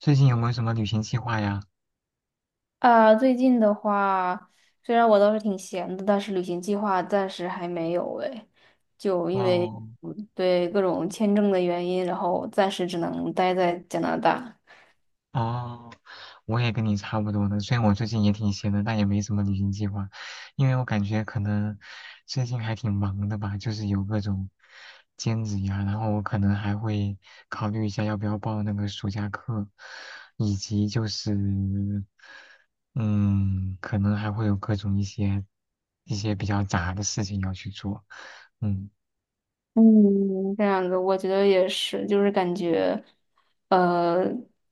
最近有没有什么旅行计划呀？啊，最近的话，虽然我倒是挺闲的，但是旅行计划暂时还没有哎，就因为，哦嗯，对，各种签证的原因，然后暂时只能待在加拿大。哦，我也跟你差不多的。虽然我最近也挺闲的，但也没什么旅行计划，因为我感觉可能最近还挺忙的吧，就是有各种兼职呀，然后我可能还会考虑一下要不要报那个暑假课，以及就是嗯，可能还会有各种一些比较杂的事情要去做，嗯。嗯，这样子我觉得也是，就是感觉，呃，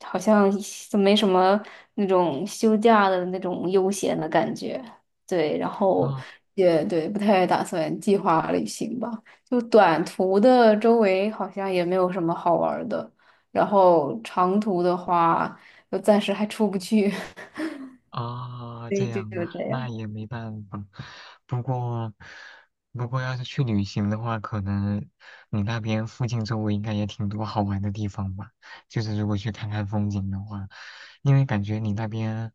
好像就没什么那种休假的那种悠闲的感觉。对，然后哦也对，不太打算计划旅行吧。就短途的周围好像也没有什么好玩儿的，然后长途的话，就暂时还出不去，啊，所这以就样就啊，这那样。也没办法。不过，不过，要是去旅行的话，可能你那边附近周围应该也挺多好玩的地方吧？就是如果去看看风景的话，因为感觉你那边，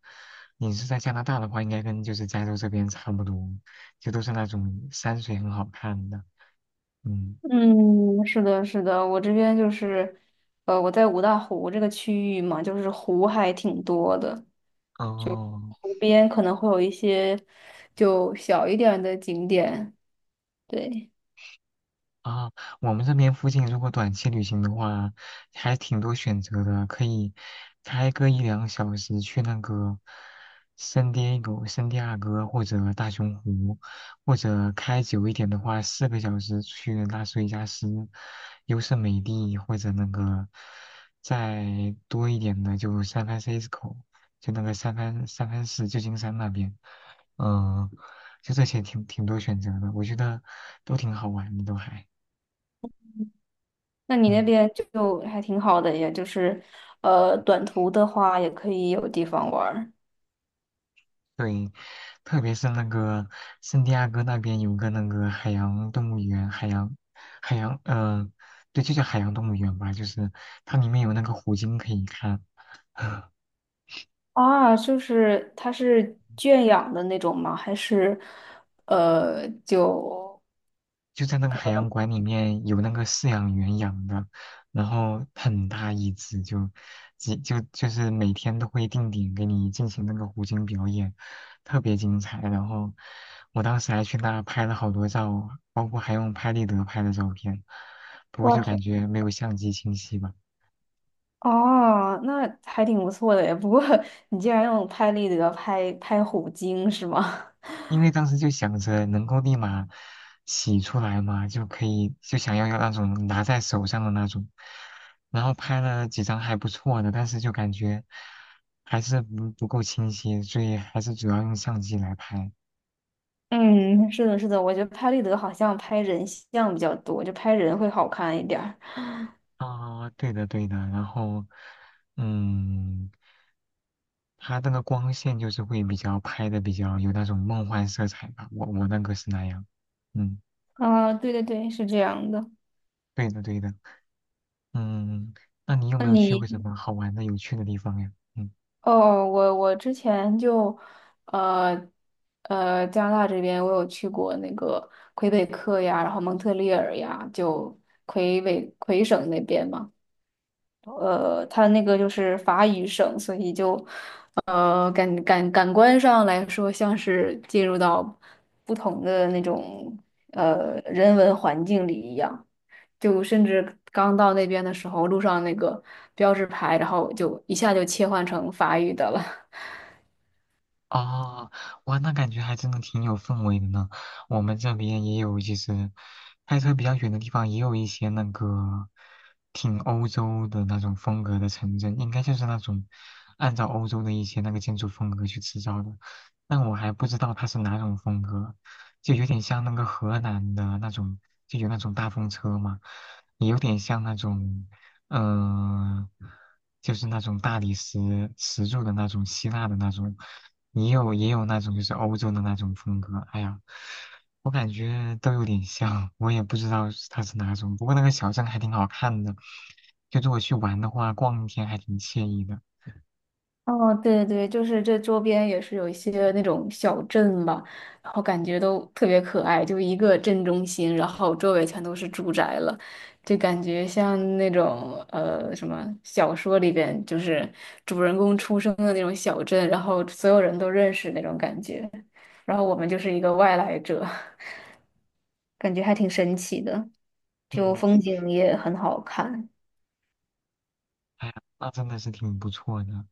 你是在加拿大的话，应该跟就是加州这边差不多，就都是那种山水很好看的。嗯，嗯，是的，是的，我这边就是，我在五大湖这个区域嘛，就是湖还挺多的，哦，湖边可能会有一些就小一点儿的景点。对，啊，我们这边附近如果短期旅行的话，还挺多选择的，可以开个一两小时去那个圣迭戈、圣地亚哥或者大熊湖，或者开久一点的话，4个小时去拉斯维加斯、优胜美地，或者那个再多一点的就三 ANFCISCO 就那个三藩市旧金山那边，嗯、就这些挺多选择的，我觉得都挺好玩的，都还。那你那嗯，边就还挺好的，也就是，短途的话也可以有地方玩儿对，特别是那个圣地亚哥那边有个那个海洋动物园，海洋海洋，对，就叫海洋动物园吧，就是它里面有那个虎鲸可以看。啊。就是它是圈养的那种吗？还是，呃，就？就在那个海洋馆里面有那个饲养员养的，然后很大一只就，就是每天都会定点给你进行那个虎鲸表演，特别精彩。然后我当时还去那拍了好多照，包括还用拍立得拍的照片，不过哇就塞。感觉没有相机清晰吧。哦，那还挺不错的耶。不过你竟然用拍立得拍虎鲸是吗？因为当时就想着能够立马洗出来嘛，就可以就想要那种拿在手上的那种，然后拍了几张还不错的，但是就感觉还是不够清晰，所以还是主要用相机来拍。嗯，是的，是的，我觉得拍立得好像拍人像比较多，就拍人会好看一点儿。啊、对的对的，然后嗯，它那个光线就是会比较拍的比较有那种梦幻色彩吧，我那个是那样，嗯，啊、对对对，是这样的。对的对的，嗯，那你有没有去过什么好玩的有趣的地方呀？嗯。哦，我之前就，呃加拿大这边我有去过那个魁北克呀，然后蒙特利尔呀，就魁省那边嘛。它那个就是法语省，所以就，感官上来说，像是进入到不同的那种人文环境里一样。就甚至刚到那边的时候，路上那个标志牌，然后就一下就切换成法语的了。哦，哇，那感觉还真的挺有氛围的呢。我们这边也有，就是开车比较远的地方，也有一些那个挺欧洲的那种风格的城镇，应该就是那种按照欧洲的一些那个建筑风格去制造的。但我还不知道它是哪种风格，就有点像那个荷兰的那种，就有那种大风车嘛，也有点像那种。嗯、就是那种大理石石柱的那种希腊的那种，也有那种就是欧洲的那种风格。哎呀，我感觉都有点像，我也不知道是它是哪种。不过那个小镇还挺好看的，就是我去玩的话，逛一天还挺惬意的。哦，对对对，就是这周边也是有一些那种小镇吧，然后感觉都特别可爱，就一个镇中心，然后周围全都是住宅了，就感觉像那种什么小说里边，就是主人公出生的那种小镇，然后所有人都认识那种感觉，然后我们就是一个外来者，感觉还挺神奇的，就嗯。风景也很好看。哎呀，那真的是挺不错的。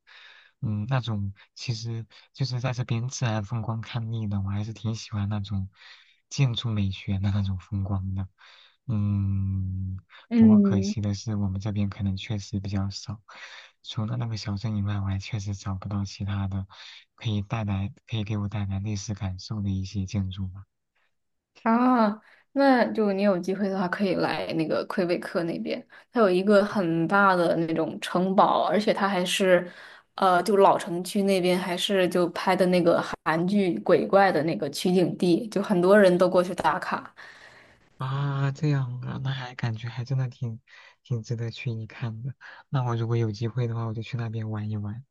那种其实就是在这边自然风光看腻了，我还是挺喜欢那种建筑美学的那种风光的。嗯，不过可嗯。惜的是，我们这边可能确实比较少。除了那个小镇以外，我还确实找不到其他的可以带来、可以给我带来历史感受的一些建筑吧。啊，那就你有机会的话，可以来那个魁北克那边，它有一个很大的那种城堡，而且它还是，就老城区那边还是就拍的那个韩剧鬼怪的那个取景地，就很多人都过去打卡。啊，这样啊，那还感觉还真的挺值得去一看的。那我如果有机会的话，我就去那边玩一玩。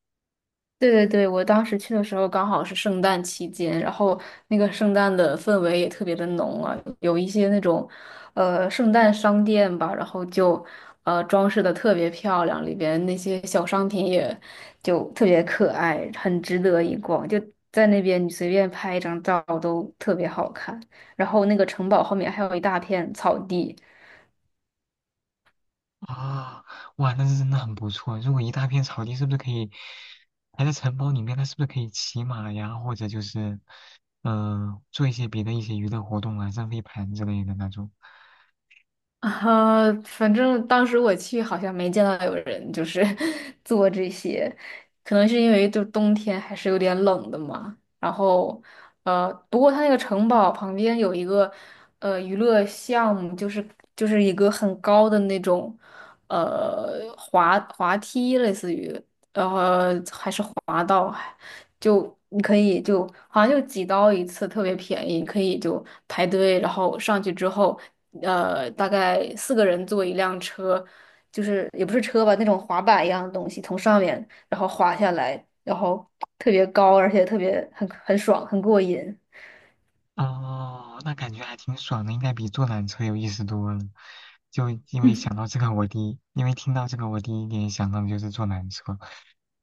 对对对，我当时去的时候刚好是圣诞期间，然后那个圣诞的氛围也特别的浓啊，有一些那种，圣诞商店吧，然后就，装饰的特别漂亮，里边那些小商品也就特别可爱，很值得一逛。就在那边你随便拍一张照都特别好看，然后那个城堡后面还有一大片草地。啊，哇，那是真的很不错。如果一大片草地，是不是可以还在城堡里面？那是不是可以骑马呀，或者就是做一些别的一些娱乐活动啊，扔飞盘之类的那种？啊，反正当时我去好像没见到有人就是 做这些，可能是因为就冬天还是有点冷的嘛。然后，不过它那个城堡旁边有一个娱乐项目，就是一个很高的那种滑滑梯，类似于还是滑道。就你可以就好像就几刀一次，特别便宜，可以就排队，然后上去之后，大概四个人坐一辆车，就是也不是车吧，那种滑板一样的东西，从上面然后滑下来，然后特别高，而且特别很爽，很过瘾。哦，那感觉还挺爽的，应该比坐缆车有意思多了。就因为想 到这个，我第一，因为听到这个，我第一点想到的就是坐缆车。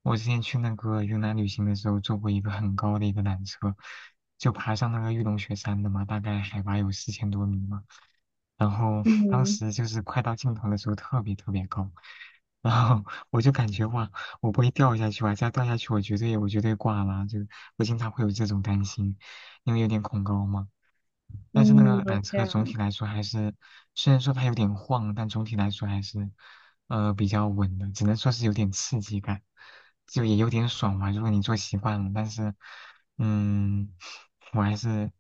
我之前去那个云南旅行的时候，坐过一个很高的一个缆车，就爬上那个玉龙雪山的嘛，大概海拔有4000多米嘛。然后当嗯时就是快到尽头的时候特别特别高，然后我就感觉哇，我不会掉下去吧？再掉下去我绝对挂了，就我经常会有这种担心，因为有点恐高嘛。但是那嗯，个缆这车总样。体来说还是，虽然说它有点晃，但总体来说还是，比较稳的，只能说是有点刺激感，就也有点爽嘛。如果你坐习惯了，但是，嗯，我还是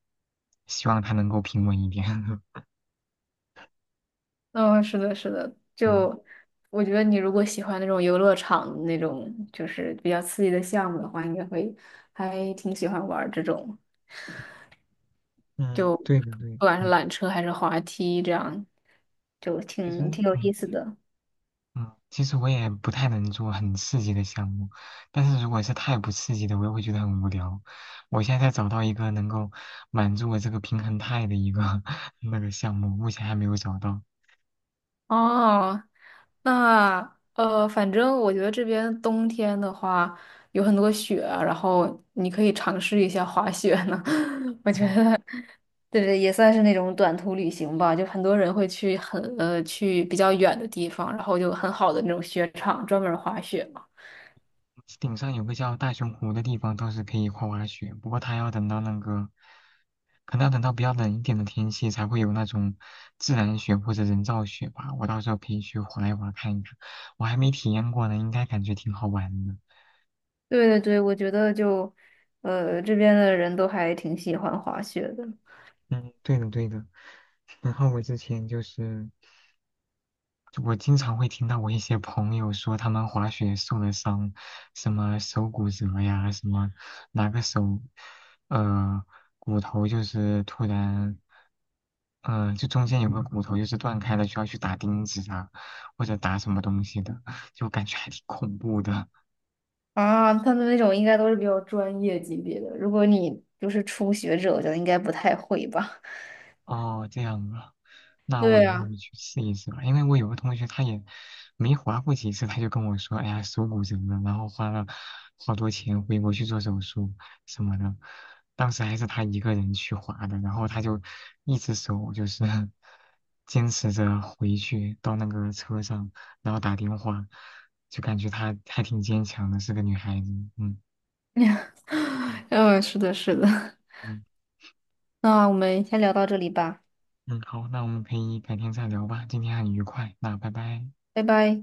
希望它能够平稳一点。嗯、是的，是的。嗯。就我觉得你如果喜欢那种游乐场那种就是比较刺激的项目的话，应该会还挺喜欢玩儿这种。嗯，就对的对，不管是缆车还是滑梯，这样就其实挺有嗯意思的。嗯，其实我也不太能做很刺激的项目，但是如果是太不刺激的，我又会觉得很无聊。我现在在找到一个能够满足我这个平衡态的一个 那个项目，目前还没有找到。哦，那，反正我觉得这边冬天的话有很多雪啊，然后你可以尝试一下滑雪呢。我觉嗯，得，对对，也算是那种短途旅行吧。就很多人会去比较远的地方，然后就很好的那种雪场专门滑雪嘛。顶上有个叫大熊湖的地方倒是可以滑滑雪，不过它要等到那个。可能要等到比较冷一点的天气才会有那种自然雪或者人造雪吧。我到时候可以去滑一滑看一看，我还没体验过呢，应该感觉挺好玩的。对对对，我觉得就，这边的人都还挺喜欢滑雪的。嗯，对的对的。然后我之前就是，我经常会听到我一些朋友说他们滑雪受了伤，什么手骨折呀，什么哪个手，呃，骨头就是突然，嗯、就中间有个骨头就是断开了，需要去打钉子啊，或者打什么东西的，就感觉还挺恐怖的。啊，他们那种应该都是比较专业级别的，如果你就是初学者，我觉得应该不太会吧。哦，这样啊，那我对以后呀。去试一试吧。因为我有个同学，他也没划过几次，他就跟我说：“哎呀，手骨折了，然后花了好多钱回国去做手术什么的。”当时还是他一个人去划的，然后他就一只手就是 坚持着回去到那个车上，然后打电话，就感觉她还挺坚强的，是个女孩子。嗯 嗯嗯，是的，是的。嗯那我们先聊到这里吧，嗯，好，那我们可以改天再聊吧。今天很愉快，那拜拜。拜拜。